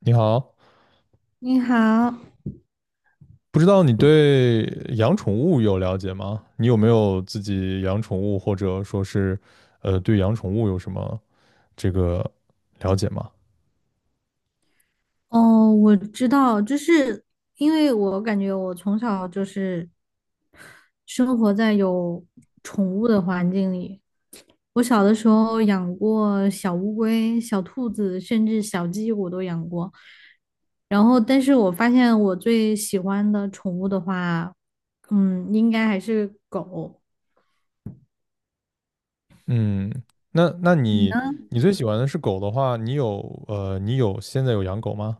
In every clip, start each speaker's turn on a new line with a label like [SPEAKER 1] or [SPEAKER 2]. [SPEAKER 1] 你好，
[SPEAKER 2] 你好，
[SPEAKER 1] 不知道你对养宠物有了解吗？你有没有自己养宠物，或者说是，对养宠物有什么这个了解吗？
[SPEAKER 2] 哦，我知道，就是因为我感觉我从小就是生活在有宠物的环境里。我小的时候养过小乌龟、小兔子，甚至小鸡，我都养过。然后，但是我发现我最喜欢的宠物的话，应该还是狗。
[SPEAKER 1] 嗯，那那
[SPEAKER 2] 你
[SPEAKER 1] 你
[SPEAKER 2] 呢？
[SPEAKER 1] 你最喜欢的是狗的话，你有你有现在有养狗吗？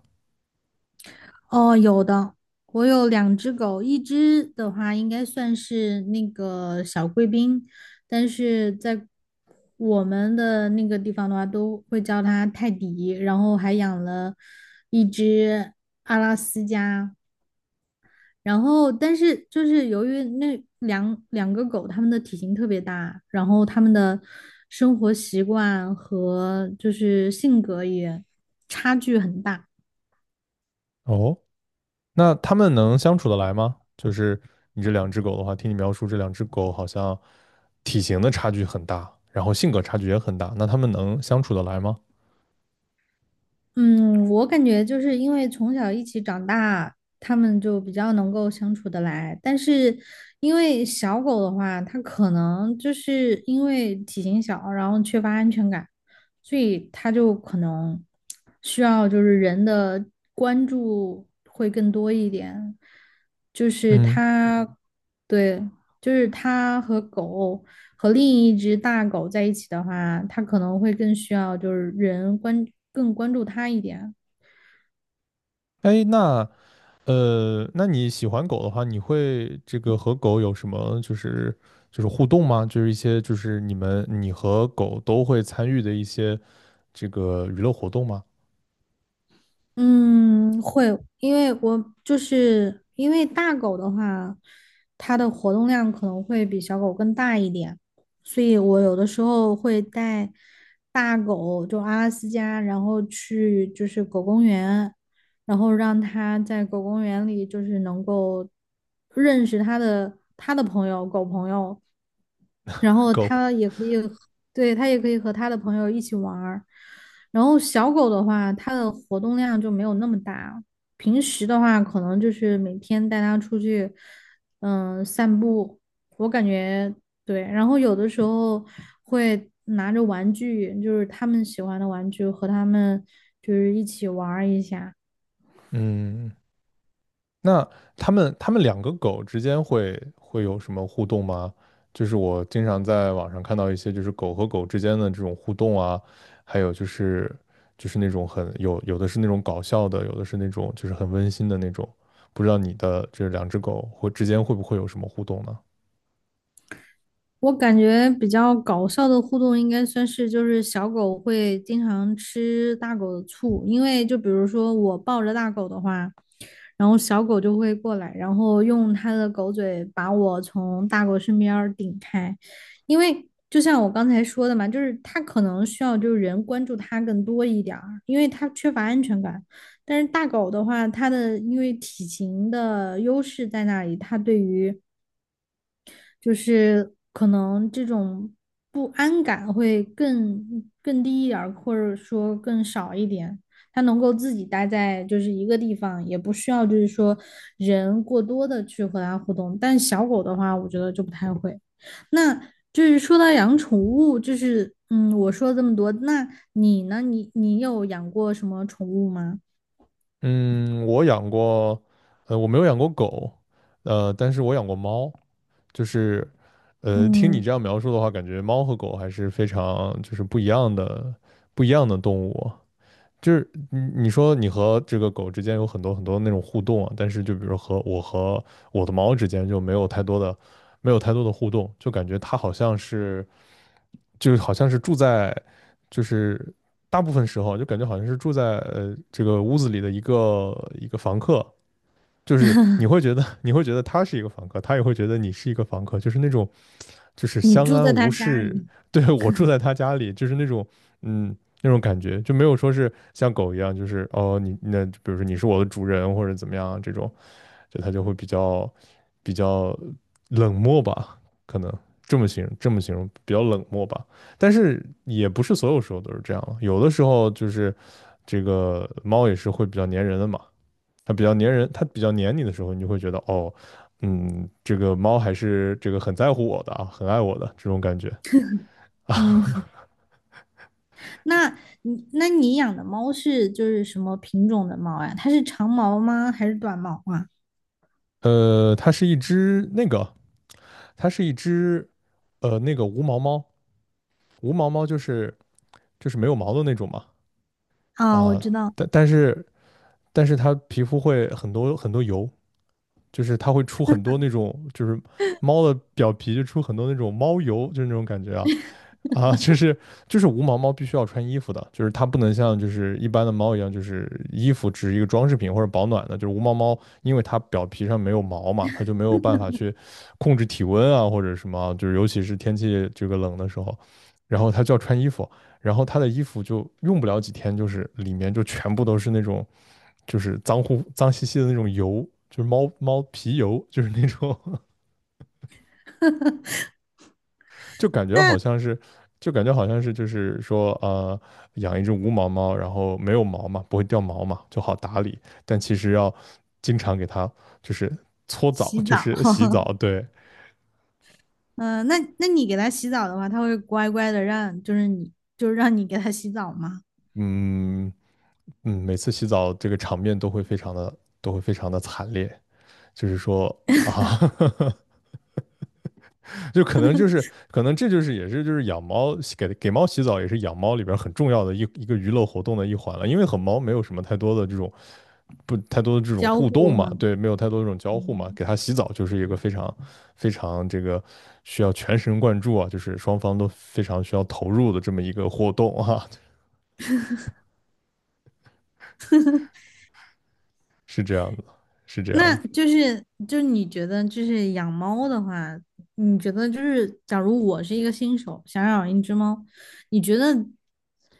[SPEAKER 2] 哦，有的，我有两只狗，一只的话应该算是那个小贵宾，但是在我们的那个地方的话，都会叫它泰迪，然后还养了一只阿拉斯加，然后但是就是由于那两个狗，它们的体型特别大，然后它们的生活习惯和就是性格也差距很大。
[SPEAKER 1] 哦，那它们能相处得来吗？就是你这两只狗的话，听你描述这两只狗好像体型的差距很大，然后性格差距也很大，那它们能相处得来吗？
[SPEAKER 2] 嗯，我感觉就是因为从小一起长大，他们就比较能够相处得来。但是因为小狗的话，它可能就是因为体型小，然后缺乏安全感，所以它就可能需要就是人的关注会更多一点，就是
[SPEAKER 1] 嗯，
[SPEAKER 2] 它，对。就是他和狗和另一只大狗在一起的话，他可能会更需要就是更关注他一点。
[SPEAKER 1] 哎，那。那你喜欢狗的话，你会这个和狗有什么就是互动吗？就是一些就是你和狗都会参与的一些这个娱乐活动吗？
[SPEAKER 2] 嗯，会，因为我就是因为大狗的话，它的活动量可能会比小狗更大一点，所以我有的时候会带大狗，就阿拉斯加，然后去就是狗公园，然后让它在狗公园里就是能够认识它的朋友，狗朋友，然 后
[SPEAKER 1] 狗，
[SPEAKER 2] 它也可以和对，它也可以和它的朋友一起玩儿。然后小狗的话，它的活动量就没有那么大。平时的话，可能就是每天带它出去，散步。我感觉对，然后有的时候会拿着玩具，就是他们喜欢的玩具，和他们就是一起玩儿一下。
[SPEAKER 1] 嗯，那他们两个狗之间会有什么互动吗？就是我经常在网上看到一些就是狗和狗之间的这种互动啊，还有就是那种很有的是那种搞笑的，有的是那种就是很温馨的那种。不知道你的这两只狗会之间会不会有什么互动呢？
[SPEAKER 2] 我感觉比较搞笑的互动应该算是，就是小狗会经常吃大狗的醋，因为就比如说我抱着大狗的话，然后小狗就会过来，然后用它的狗嘴把我从大狗身边儿顶开，因为就像我刚才说的嘛，就是它可能需要就是人关注它更多一点儿，因为它缺乏安全感。但是大狗的话，它的因为体型的优势在那里，它对于就是可能这种不安感会更低一点儿，或者说更少一点。它能够自己待在就是一个地方，也不需要就是说人过多的去和它互动。但小狗的话，我觉得就不太会。那就是说到养宠物，就是我说了这么多，那你呢？你有养过什么宠物吗？
[SPEAKER 1] 嗯，我养过，我没有养过狗，但是我养过猫。就是，听你
[SPEAKER 2] 嗯，
[SPEAKER 1] 这样描述的话，感觉猫和狗还是非常就是不一样的，不一样的动物。就是你说你和这个狗之间有很多那种互动啊，但是就比如和我和我的猫之间就没有太多的，没有太多的互动，就感觉它好像是，就是好像是住在，就是大部分时候就感觉好像是住在呃这个屋子里的一个房客，就是你会觉得他是一个房客，他也会觉得你是一个房客，就是那种就是
[SPEAKER 2] 你
[SPEAKER 1] 相
[SPEAKER 2] 住
[SPEAKER 1] 安
[SPEAKER 2] 在他
[SPEAKER 1] 无
[SPEAKER 2] 家
[SPEAKER 1] 事。
[SPEAKER 2] 里，
[SPEAKER 1] 对，我住在他家里，就是那种嗯那种感觉，就没有说是像狗一样，就是哦你那比如说你是我的主人或者怎么样这种，就他就会比较冷漠吧，可能这么形容比较冷漠吧。但是也不是所有时候都是这样了，有的时候就是这个猫也是会比较粘人的嘛。它比较粘人，它比较粘你的时候，你就会觉得哦，嗯，这个猫还是这个很在乎我的啊，很爱我的这种感觉啊。
[SPEAKER 2] 嗯。那那你养的猫是就是什么品种的猫呀？它是长毛吗？还是短毛啊？
[SPEAKER 1] 它是一只那个，它是一只那个无毛猫，无毛猫就是就是没有毛的那种嘛。
[SPEAKER 2] 啊，我
[SPEAKER 1] 啊，
[SPEAKER 2] 知道。
[SPEAKER 1] 但是但是它皮肤会很多油，就是它会出很多那种就是猫的表皮就出很多那种猫油，就是那种感觉啊。啊，就是无毛猫必须要穿衣服的，就是它不能像就是一般的猫一样，就是衣服只是一个装饰品或者保暖的。就是无毛猫，因为它表皮上没有毛嘛，它就没有办法去控制体温啊或者什么，就是尤其是天气这个冷的时候，然后它就要穿衣服，然后它的衣服就用不了几天，就是里面就全部都是那种就是脏乎脏兮兮的那种油，就是猫猫皮油，就是那种就感觉好
[SPEAKER 2] 那
[SPEAKER 1] 像是，就感觉好像是，就是说，养一只无毛猫，然后没有毛嘛，不会掉毛嘛，就好打理。但其实要经常给它就是搓澡，
[SPEAKER 2] 洗
[SPEAKER 1] 就
[SPEAKER 2] 澡，
[SPEAKER 1] 是洗澡。对，
[SPEAKER 2] 嗯、那你给它洗澡的话，它会乖乖的让，就是你就是让你给它洗澡吗？
[SPEAKER 1] 嗯，嗯，每次洗澡这个场面都会非常的，都会非常的惨烈，就是说啊。就可能这就是也是就是养猫给猫洗澡也是养猫里边很重要的一个娱乐活动的一环了，因为和猫没有什么太多的这种不太多的这种
[SPEAKER 2] 交
[SPEAKER 1] 互
[SPEAKER 2] 互
[SPEAKER 1] 动嘛，
[SPEAKER 2] 吗？
[SPEAKER 1] 对，没有太多这种交互嘛，
[SPEAKER 2] 嗯，
[SPEAKER 1] 给它洗澡就是一个非常非常这个需要全神贯注啊，就是双方都非常需要投入的这么一个活动啊。是这样的，是这样
[SPEAKER 2] 那
[SPEAKER 1] 的。
[SPEAKER 2] 就是你觉得就是养猫的话，你觉得就是假如我是一个新手，想养一只猫，你觉得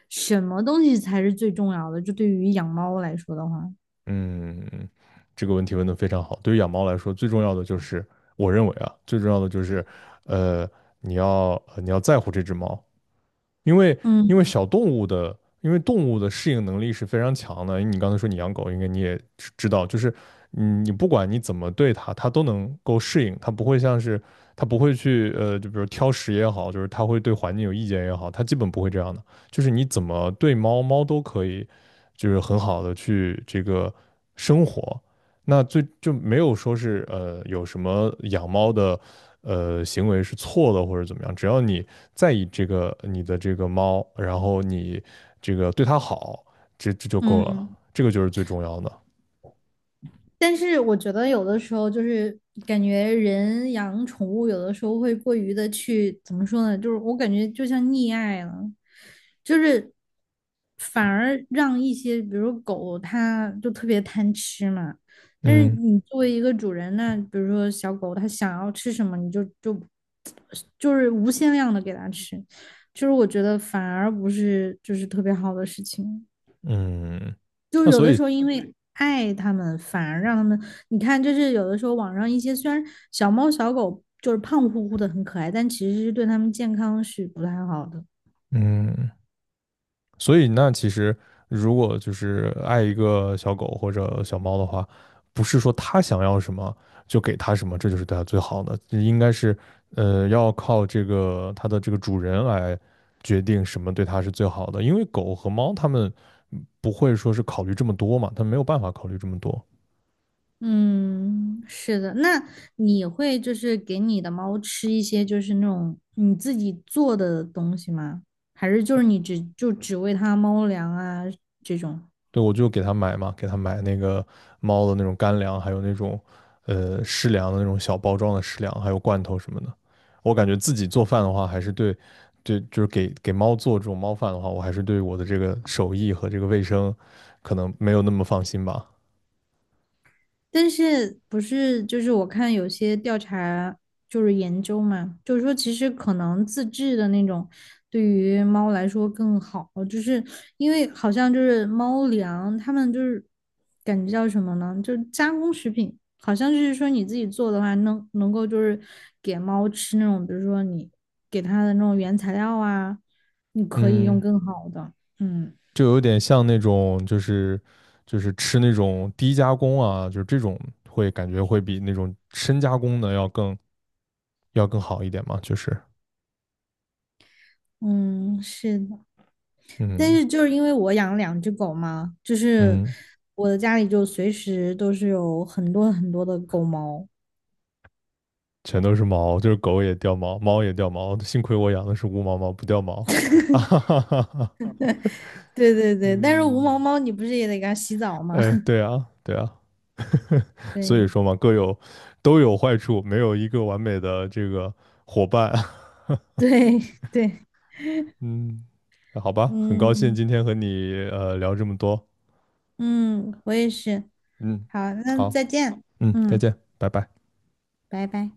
[SPEAKER 2] 什么东西才是最重要的？就对于养猫来说的话。
[SPEAKER 1] 嗯，这个问题问得非常好。对于养猫来说，最重要的就是，我认为啊，最重要的就是，呃，你要你要在乎这只猫，因为
[SPEAKER 2] 嗯。
[SPEAKER 1] 因为小动物的，因为动物的适应能力是非常强的。你刚才说你养狗，应该你也知道，就是嗯，你不管你怎么对它，它都能够适应，它不会像是它不会去就比如挑食也好，就是它会对环境有意见也好，它基本不会这样的。就是你怎么对猫，猫都可以，就是很好的去这个生活。那最就没有说是有什么养猫的行为是错的或者怎么样，只要你在意这个你的这个猫，然后你这个对它好，这就够了，
[SPEAKER 2] 嗯，
[SPEAKER 1] 这个就是最重要的。
[SPEAKER 2] 但是我觉得有的时候就是感觉人养宠物，有的时候会过于的去怎么说呢？就是我感觉就像溺爱了，就是反而让一些比如狗它就特别贪吃嘛，但是
[SPEAKER 1] 嗯，
[SPEAKER 2] 你作为一个主人那比如说小狗它想要吃什么，你就就是无限量的给它吃，就是我觉得反而不是就是特别好的事情。
[SPEAKER 1] 嗯，
[SPEAKER 2] 就是
[SPEAKER 1] 那
[SPEAKER 2] 有
[SPEAKER 1] 所
[SPEAKER 2] 的时
[SPEAKER 1] 以
[SPEAKER 2] 候因为爱它们，反而让他们，你看，就是有的时候网上一些虽然小猫小狗就是胖乎乎的很可爱，但其实是对它们健康是不太好的。
[SPEAKER 1] 嗯所以那其实如果就是爱一个小狗或者小猫的话，不是说它想要什么就给它什么，这就是对它最好的，应该是要靠这个它的这个主人来决定什么对它是最好的，因为狗和猫它们不会说是考虑这么多嘛，它没有办法考虑这么多。
[SPEAKER 2] 嗯，是的。那你会就是给你的猫吃一些就是那种你自己做的东西吗？还是就是你只就只喂它猫粮啊这种？
[SPEAKER 1] 对，我就给他买嘛，给他买那个猫的那种干粮，还有那种湿粮的那种小包装的湿粮，还有罐头什么的。我感觉自己做饭的话，还是对，对，就是给猫做这种猫饭的话，我还是对我的这个手艺和这个卫生可能没有那么放心吧。
[SPEAKER 2] 但是不是就是我看有些调查就是研究嘛，就是说其实可能自制的那种对于猫来说更好，就是因为好像就是猫粮，它们就是感觉叫什么呢？就是加工食品，好像就是说你自己做的话，能够就是给猫吃那种，比如说你给它的那种原材料啊，你可以用
[SPEAKER 1] 嗯，
[SPEAKER 2] 更好的，嗯
[SPEAKER 1] 就有点像那种就是就是吃那种低加工啊，就是这种会感觉会比那种深加工的要更要更好一点嘛，就是
[SPEAKER 2] 嗯，是的。但
[SPEAKER 1] 嗯，
[SPEAKER 2] 是就是因为我养了两只狗嘛，就是
[SPEAKER 1] 嗯。
[SPEAKER 2] 我的家里就随时都是有很多很多的狗毛。
[SPEAKER 1] 全都是毛，就是狗也掉毛，猫也掉毛，幸亏我养的是无毛猫，不掉毛。啊哈哈哈哈，
[SPEAKER 2] 对对对，但是无
[SPEAKER 1] 嗯，
[SPEAKER 2] 毛猫你不是也得给它洗澡吗？
[SPEAKER 1] 哎，对啊，对啊，所以
[SPEAKER 2] 对
[SPEAKER 1] 说嘛，各有都有坏处，没有一个完美的这个伙伴。
[SPEAKER 2] 对对，
[SPEAKER 1] 嗯，好吧，很高兴今
[SPEAKER 2] 嗯
[SPEAKER 1] 天和你聊这么多，
[SPEAKER 2] 嗯，我也是。
[SPEAKER 1] 嗯，
[SPEAKER 2] 好，那
[SPEAKER 1] 好，
[SPEAKER 2] 再见。
[SPEAKER 1] 嗯，再
[SPEAKER 2] 嗯，
[SPEAKER 1] 见，拜拜。
[SPEAKER 2] 拜拜。